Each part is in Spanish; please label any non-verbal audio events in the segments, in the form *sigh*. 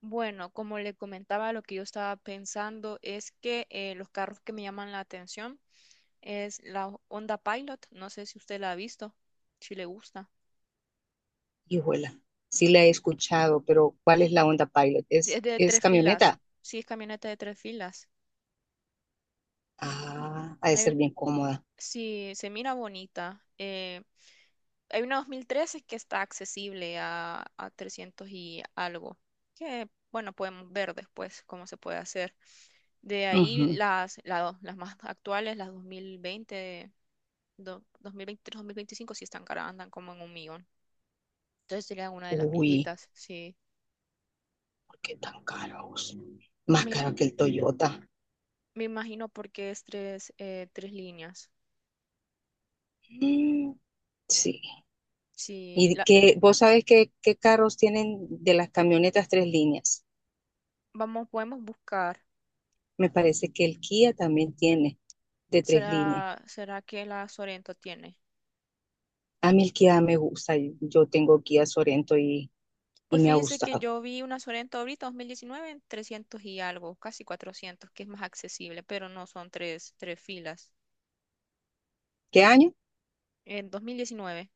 Bueno, como le comentaba, lo que yo estaba pensando es que los carros que me llaman la atención es la Honda Pilot. No sé si usted la ha visto, si le gusta. Hijuela, sí la he escuchado, pero ¿cuál es la Honda Pilot? ¿Es, Es de es tres filas. camioneta? Sí, es camioneta de tres filas. Ah, ha de Hay ser un- bien cómoda. sí, se mira bonita. Hay una 2013 que está accesible a 300 y algo. Que, bueno, podemos ver después cómo se puede hacer. De ahí Ujú. Las más actuales, las 2020. 2023, 2025 sí están caras, andan como en un millón. Entonces sería una de las Uy, viejitas, sí. ¿por qué tan caros? Más Me, caro que el Toyota. me imagino porque es tres líneas. Mm, sí. Sí, ¿Y que vos sabés qué carros tienen de las camionetas tres líneas? vamos, podemos buscar. Me parece que el Kia también tiene de tres líneas. ¿Será que la Sorento tiene? A mí el Kia me gusta. Yo tengo Kia Sorento y Pues me ha fíjese que gustado. yo vi una Sorento ahorita, 2019, en 300 y algo, casi 400, que es más accesible, pero no son tres filas. ¿Qué año? En 2019,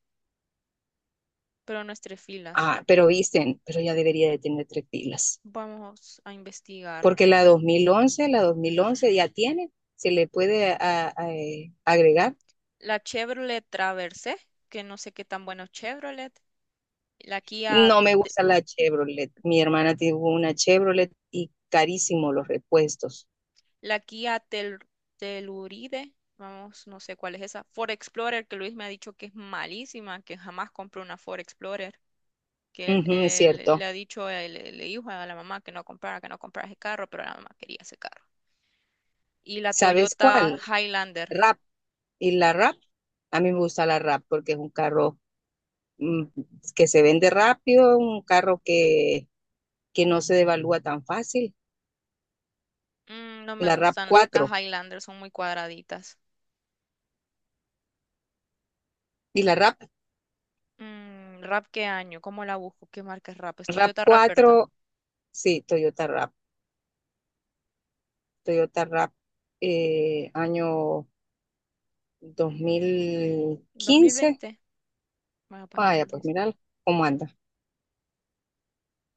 pero no es tres filas. Ah, pero visten, pero ya debería de tener tres pilas. Vamos a investigar. Porque la 2011, la 2011 ya tiene, se le puede agregar. La Chevrolet Traverse, que no sé qué tan bueno es Chevrolet, la Kia, No me gusta la Chevrolet. Mi hermana tuvo una Chevrolet y carísimo los repuestos. la Kia Telluride, vamos, no sé cuál es esa, Ford Explorer, que Luis me ha dicho que es malísima, que jamás compró una Ford Explorer, que él, Ujú, es él le cierto. ha dicho, le dijo a la mamá que no comprara ese carro, pero la mamá quería ese carro. Y la ¿Sabes Toyota cuál? Highlander. Rap. Y la Rap, a mí me gusta la Rap porque es un carro, mm, que se vende rápido, que no se devalúa tan fácil. No me La Rap gustan las 4. Highlander, son muy cuadraditas. Y la Rap, ¿Rap qué año? ¿Cómo la busco? ¿Qué marca es Rap? Es Rap Toyota Rap, ¿verdad? 4, sí, Toyota Rap. Toyota Rap, año ¿Dos mil 2015. veinte? Bueno, para Vaya, pues 2015. mira cómo anda.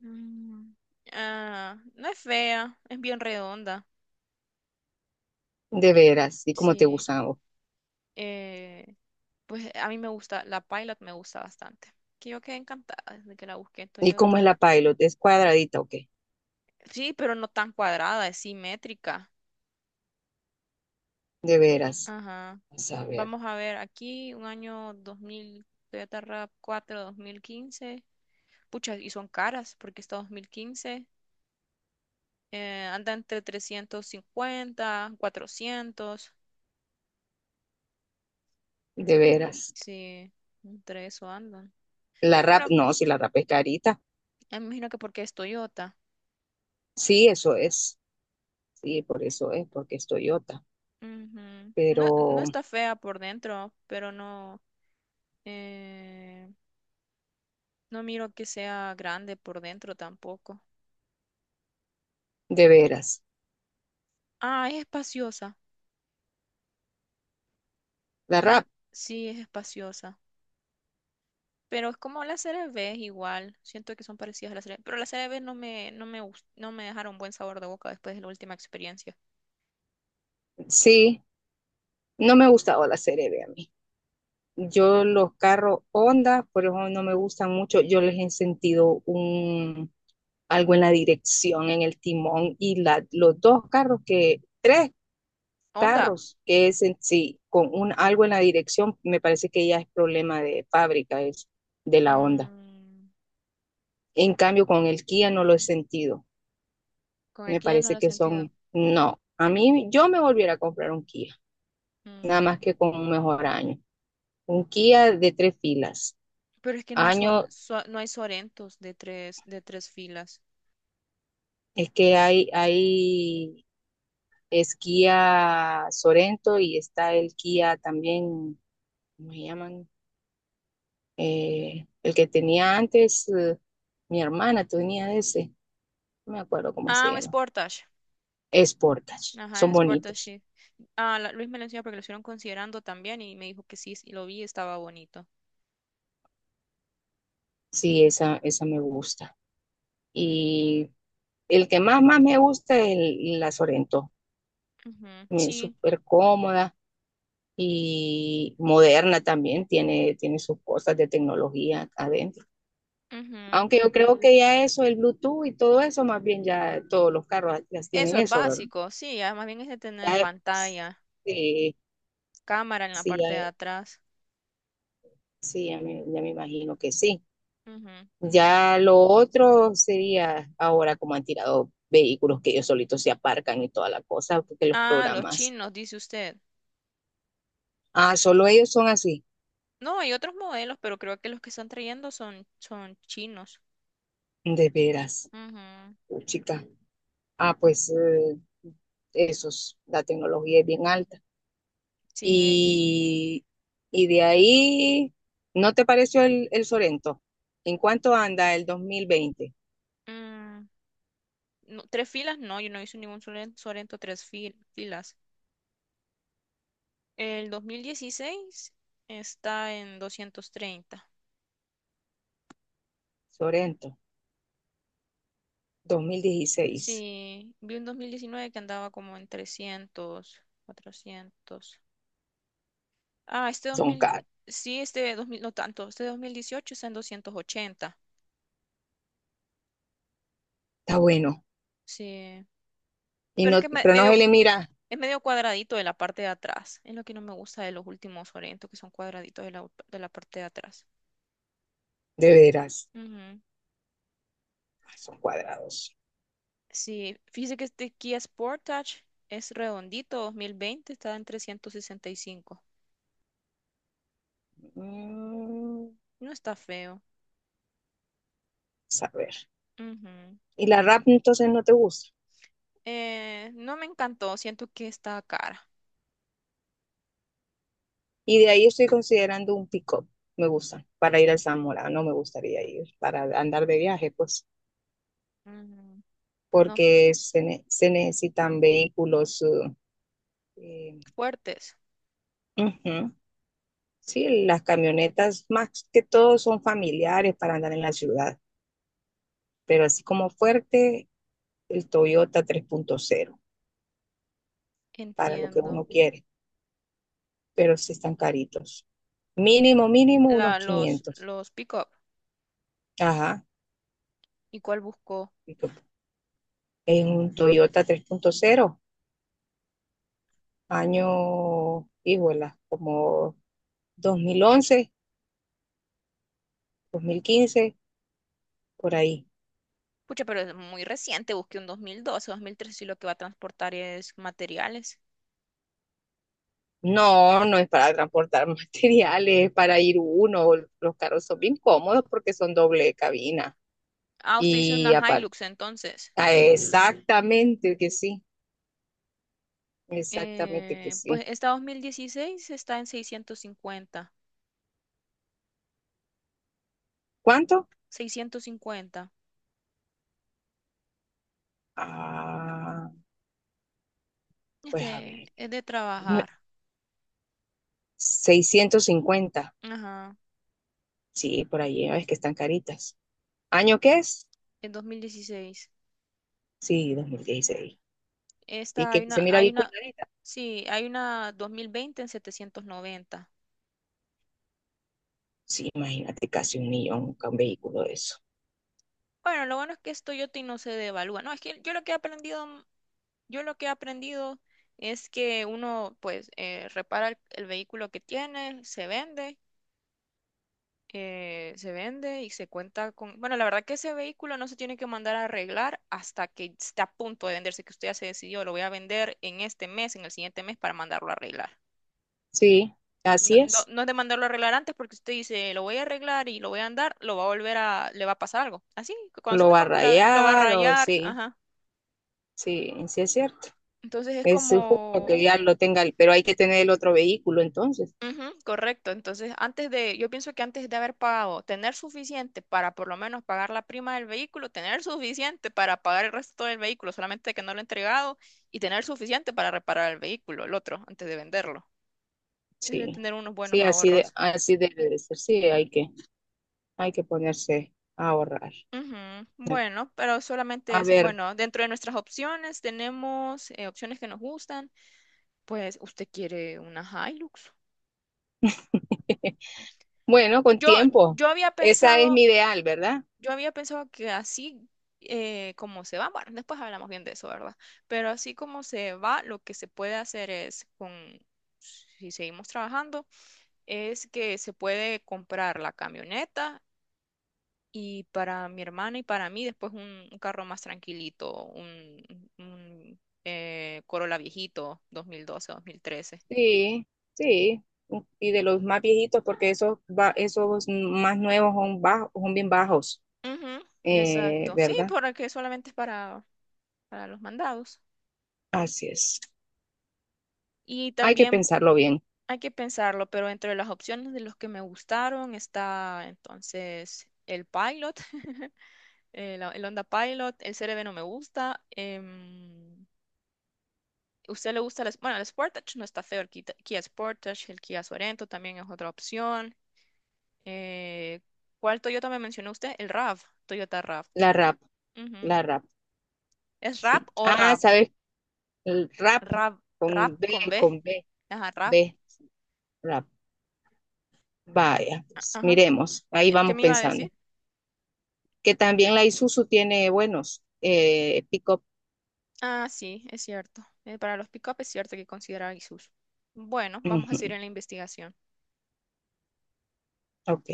Mm, Ah, no es fea, es bien redonda. De veras, y cómo te Sí. gustan a vos. eh, pues a mí me gusta, la Pilot me gusta bastante. Que yo quedé encantada desde que la busqué en ¿Y cómo es Toyota. la Pilot? ¿Es cuadradita o qué? Sí, pero no tan cuadrada, es simétrica. De veras. Ajá. Vamos a ver, Vamos a ver aquí, un año 2000, Toyota RAV4 2015. Pucha, y son caras porque está 2015. Anda entre 350, 400. de veras. Sí, entre eso andan. La Pero me Rap, imagino, no, si la Rap es carita. me imagino que porque es Toyota. Sí, eso es. Sí, por eso es, porque es Toyota. Ujú. No, no Pero, está fea por dentro, pero eh, no miro que sea grande por dentro tampoco. de veras. Ah, es espaciosa. La Es- Rap, sí, es espaciosa. Pero es como la Serie B igual. Siento que son parecidas a la CRV. Pero la Serie B no me dejaron buen sabor de boca después de la última experiencia. sí. No me ha gustado la serie B a mí. Yo los carros Honda, por eso no me gustan mucho, yo les he sentido un, algo en la dirección, en el timón y la, los dos carros que, tres Onda. carros que es en sí, con un, algo en la dirección, me parece que ya es problema de fábrica, es de la Honda. mm, En cambio, con el Kia no lo he sentido. con el Me que ya no lo parece he que sentido. son, no, a mí yo me volviera a comprar un Kia, nada más que Mm, con un mejor año. Un Kia de tres filas, Pero es que no hay, sor- año. so- no hay Sorentos de tres filas. Es que hay, es Kia Sorento y está el Kia también, ¿cómo se llaman? El que tenía antes, mi hermana tenía ese, no me acuerdo cómo se Ah, un llama. Sportage. Es Sportage, Ajá, el son Sportage, bonitos. sí. Ah, Luis me lo enseñó porque lo estuvieron considerando también y me dijo que sí, y lo vi, estaba bonito. Sí, esa me gusta. Y el que más, más me gusta es el- la Sorento. Ujú, También es sí, súper cómoda y moderna también, tiene, tiene sus cosas de tecnología adentro. ujú. Aunque yo creo que ya eso, el Bluetooth y todo eso, más bien ya todos los carros las tienen Eso es eso, ¿verdad? básico, sí, además bien es de tener Ya es- pantalla, sí, cámara en la sí, ya, parte de atrás. sí, ya me imagino que sí. Ujú. Ujú. Ya lo otro sería ahora como han tirado vehículos que ellos solitos se aparcan y toda la cosa, porque los Ah, los programas. chinos, dice usted. Ah, solo ellos son así. No, hay otros modelos, pero creo que los que están trayendo son chinos. De veras, Ujú, chica. Ah, pues esos, la tecnología es bien alta. sí. Y, y de ahí, ¿no te pareció el Sorento? ¿En cuánto anda el 2020 mm, no, tres filas, no, yo no hice ningún Sorento tres filas. El 2016 está en 230. Sorento, 2016? Sí, vi un 2019 que andaba como en 300, 400. Ah, este dos Son mil, caros. sí, este 2000, no tanto, este 2018 está en 280. Está bueno. Sí, Y pero es no, que es me- pero no medio, se le mira es medio cuadradito de la parte de atrás. Es lo que no me gusta de los últimos Sorento, que son cuadraditos de la parte de atrás. de veras. Ujú. Ay, son cuadrados. Sí, fíjese que este Kia Sportage es redondito, 2020 está en 365. Mm, No está feo. a ver. Ujú. Y la rap entonces no te gusta. No me encantó, siento que está cara. Y de ahí estoy considerando un pick-up. Me gusta. Para ir al Zamora. No me gustaría ir. Para andar de viaje, pues. Ujú. No sé, Porque se, se necesitan vehículos, eh, fuertes, ujú. Sí, las camionetas más que todo son familiares para andar en la ciudad, pero así como fuerte, el Toyota 3.0 para lo que entiendo. uno quiere, pero sí están caritos. Mínimo, mínimo unos La, los, 500. los pick-up, Ajá. ¿y cuál buscó? En un Toyota 3.0, año, híjola, como 2011, 2015 por ahí. Pucha, pero es muy reciente, busqué un mil doce, dos mil 2013, y lo que va a transportar es materiales. No, no es para transportar *laughs* materiales, es para ir uno. Los carros son bien cómodos porque son doble cabina. Ah, usted hizo Y una aparte, Hilux entonces. exactamente que sí, exactamente que Pues sí. esta 2016 está en 650. ¿Cuánto? 650. Ah, Es pues a ver, de, es de no- trabajar. 650. Ajá. Sí, por ahí, ah, es que están caritas. ¿Año qué es? En 2016. Sí, 2016. Y Esta hay que se una, mira bien cuidadita. sí, hay una 2020 en 790. Sí, imagínate, casi un millón con un vehículo de eso. Bueno, lo bueno es que esto yo no se devalúa. No, es que yo lo que he aprendido, yo lo que he aprendido es que uno pues repara el vehículo que tiene, se vende y se cuenta con, bueno, la verdad que ese vehículo no se tiene que mandar a arreglar hasta que esté a punto de venderse, que usted ya se decidió, lo voy a vender en este mes, en el siguiente mes para mandarlo a arreglar. Sí, No, así no, es. no es de mandarlo a arreglar antes porque usted dice, lo voy a arreglar y lo voy a andar, lo va a volver a, le va a pasar algo. Así, Lo conociendo va a cómo es lo va a rayar o rayar, sí, ajá. sí, sí es cierto. Entonces es Es justo como. que ya lo tenga, el- pero hay que tener el otro vehículo entonces. Ujú, correcto. Entonces, antes de, yo pienso que antes de haber pagado, tener suficiente para por lo menos pagar la prima del vehículo, tener *laughs* suficiente para pagar el resto del vehículo, solamente que no lo he entregado, y tener suficiente para reparar el vehículo, el otro, antes de venderlo. Es de Sí, tener unos buenos sí, así de, ahorros. así debe de ser. Sí, hay que ponerse a ahorrar. Ujú, bueno, pero solamente A es, ver, bueno, dentro de nuestras opciones tenemos opciones que nos gustan. Pues, ¿usted quiere una Hilux? *laughs* bueno, con Yo, tiempo. yo había Esa es pensado. mi ideal, ¿verdad? Yo había pensado que así como se va, bueno, después hablamos bien de eso, ¿verdad? Pero así como se va, lo que se puede hacer es con, si seguimos trabajando, es que se puede comprar la camioneta y para mi hermana y para mí después un, carro más tranquilito, un, Corolla viejito, 2012, 2013. Sí, sí. Y de los más viejitos, porque esos, esos más nuevos son bajos, son bien bajos, Ujú, exacto, sí, ¿verdad? porque solamente es para los mandados. Así es. Y Hay que también. pensarlo bien. Hay que pensarlo, pero entre las opciones de los que me gustaron está entonces el Pilot, *laughs* el Honda Pilot, el CRV no me gusta. ¿Usted le gusta bueno, el Sportage no está feo, el Sportage, el Kia Sorento también es otra opción. eh, ¿Cuál Toyota me mencionó usted? El RAV, Toyota RAV. La rap, Ujú. la rap. ¿Es RAV Sí. o Ah, RAV? ¿sabes? El rap RAV, RAV con B. con B, Ajá, RAV. B, rap. Vaya, pues Ajá. miremos, ahí ¿Qué vamos me iba a pensando. decir? Que también la Isuzu tiene buenos pick-up. Ah, sí, es cierto. Para los pick-up es cierto que considerar ISUS. Bueno, vamos a Ujú, seguir en la investigación. ok.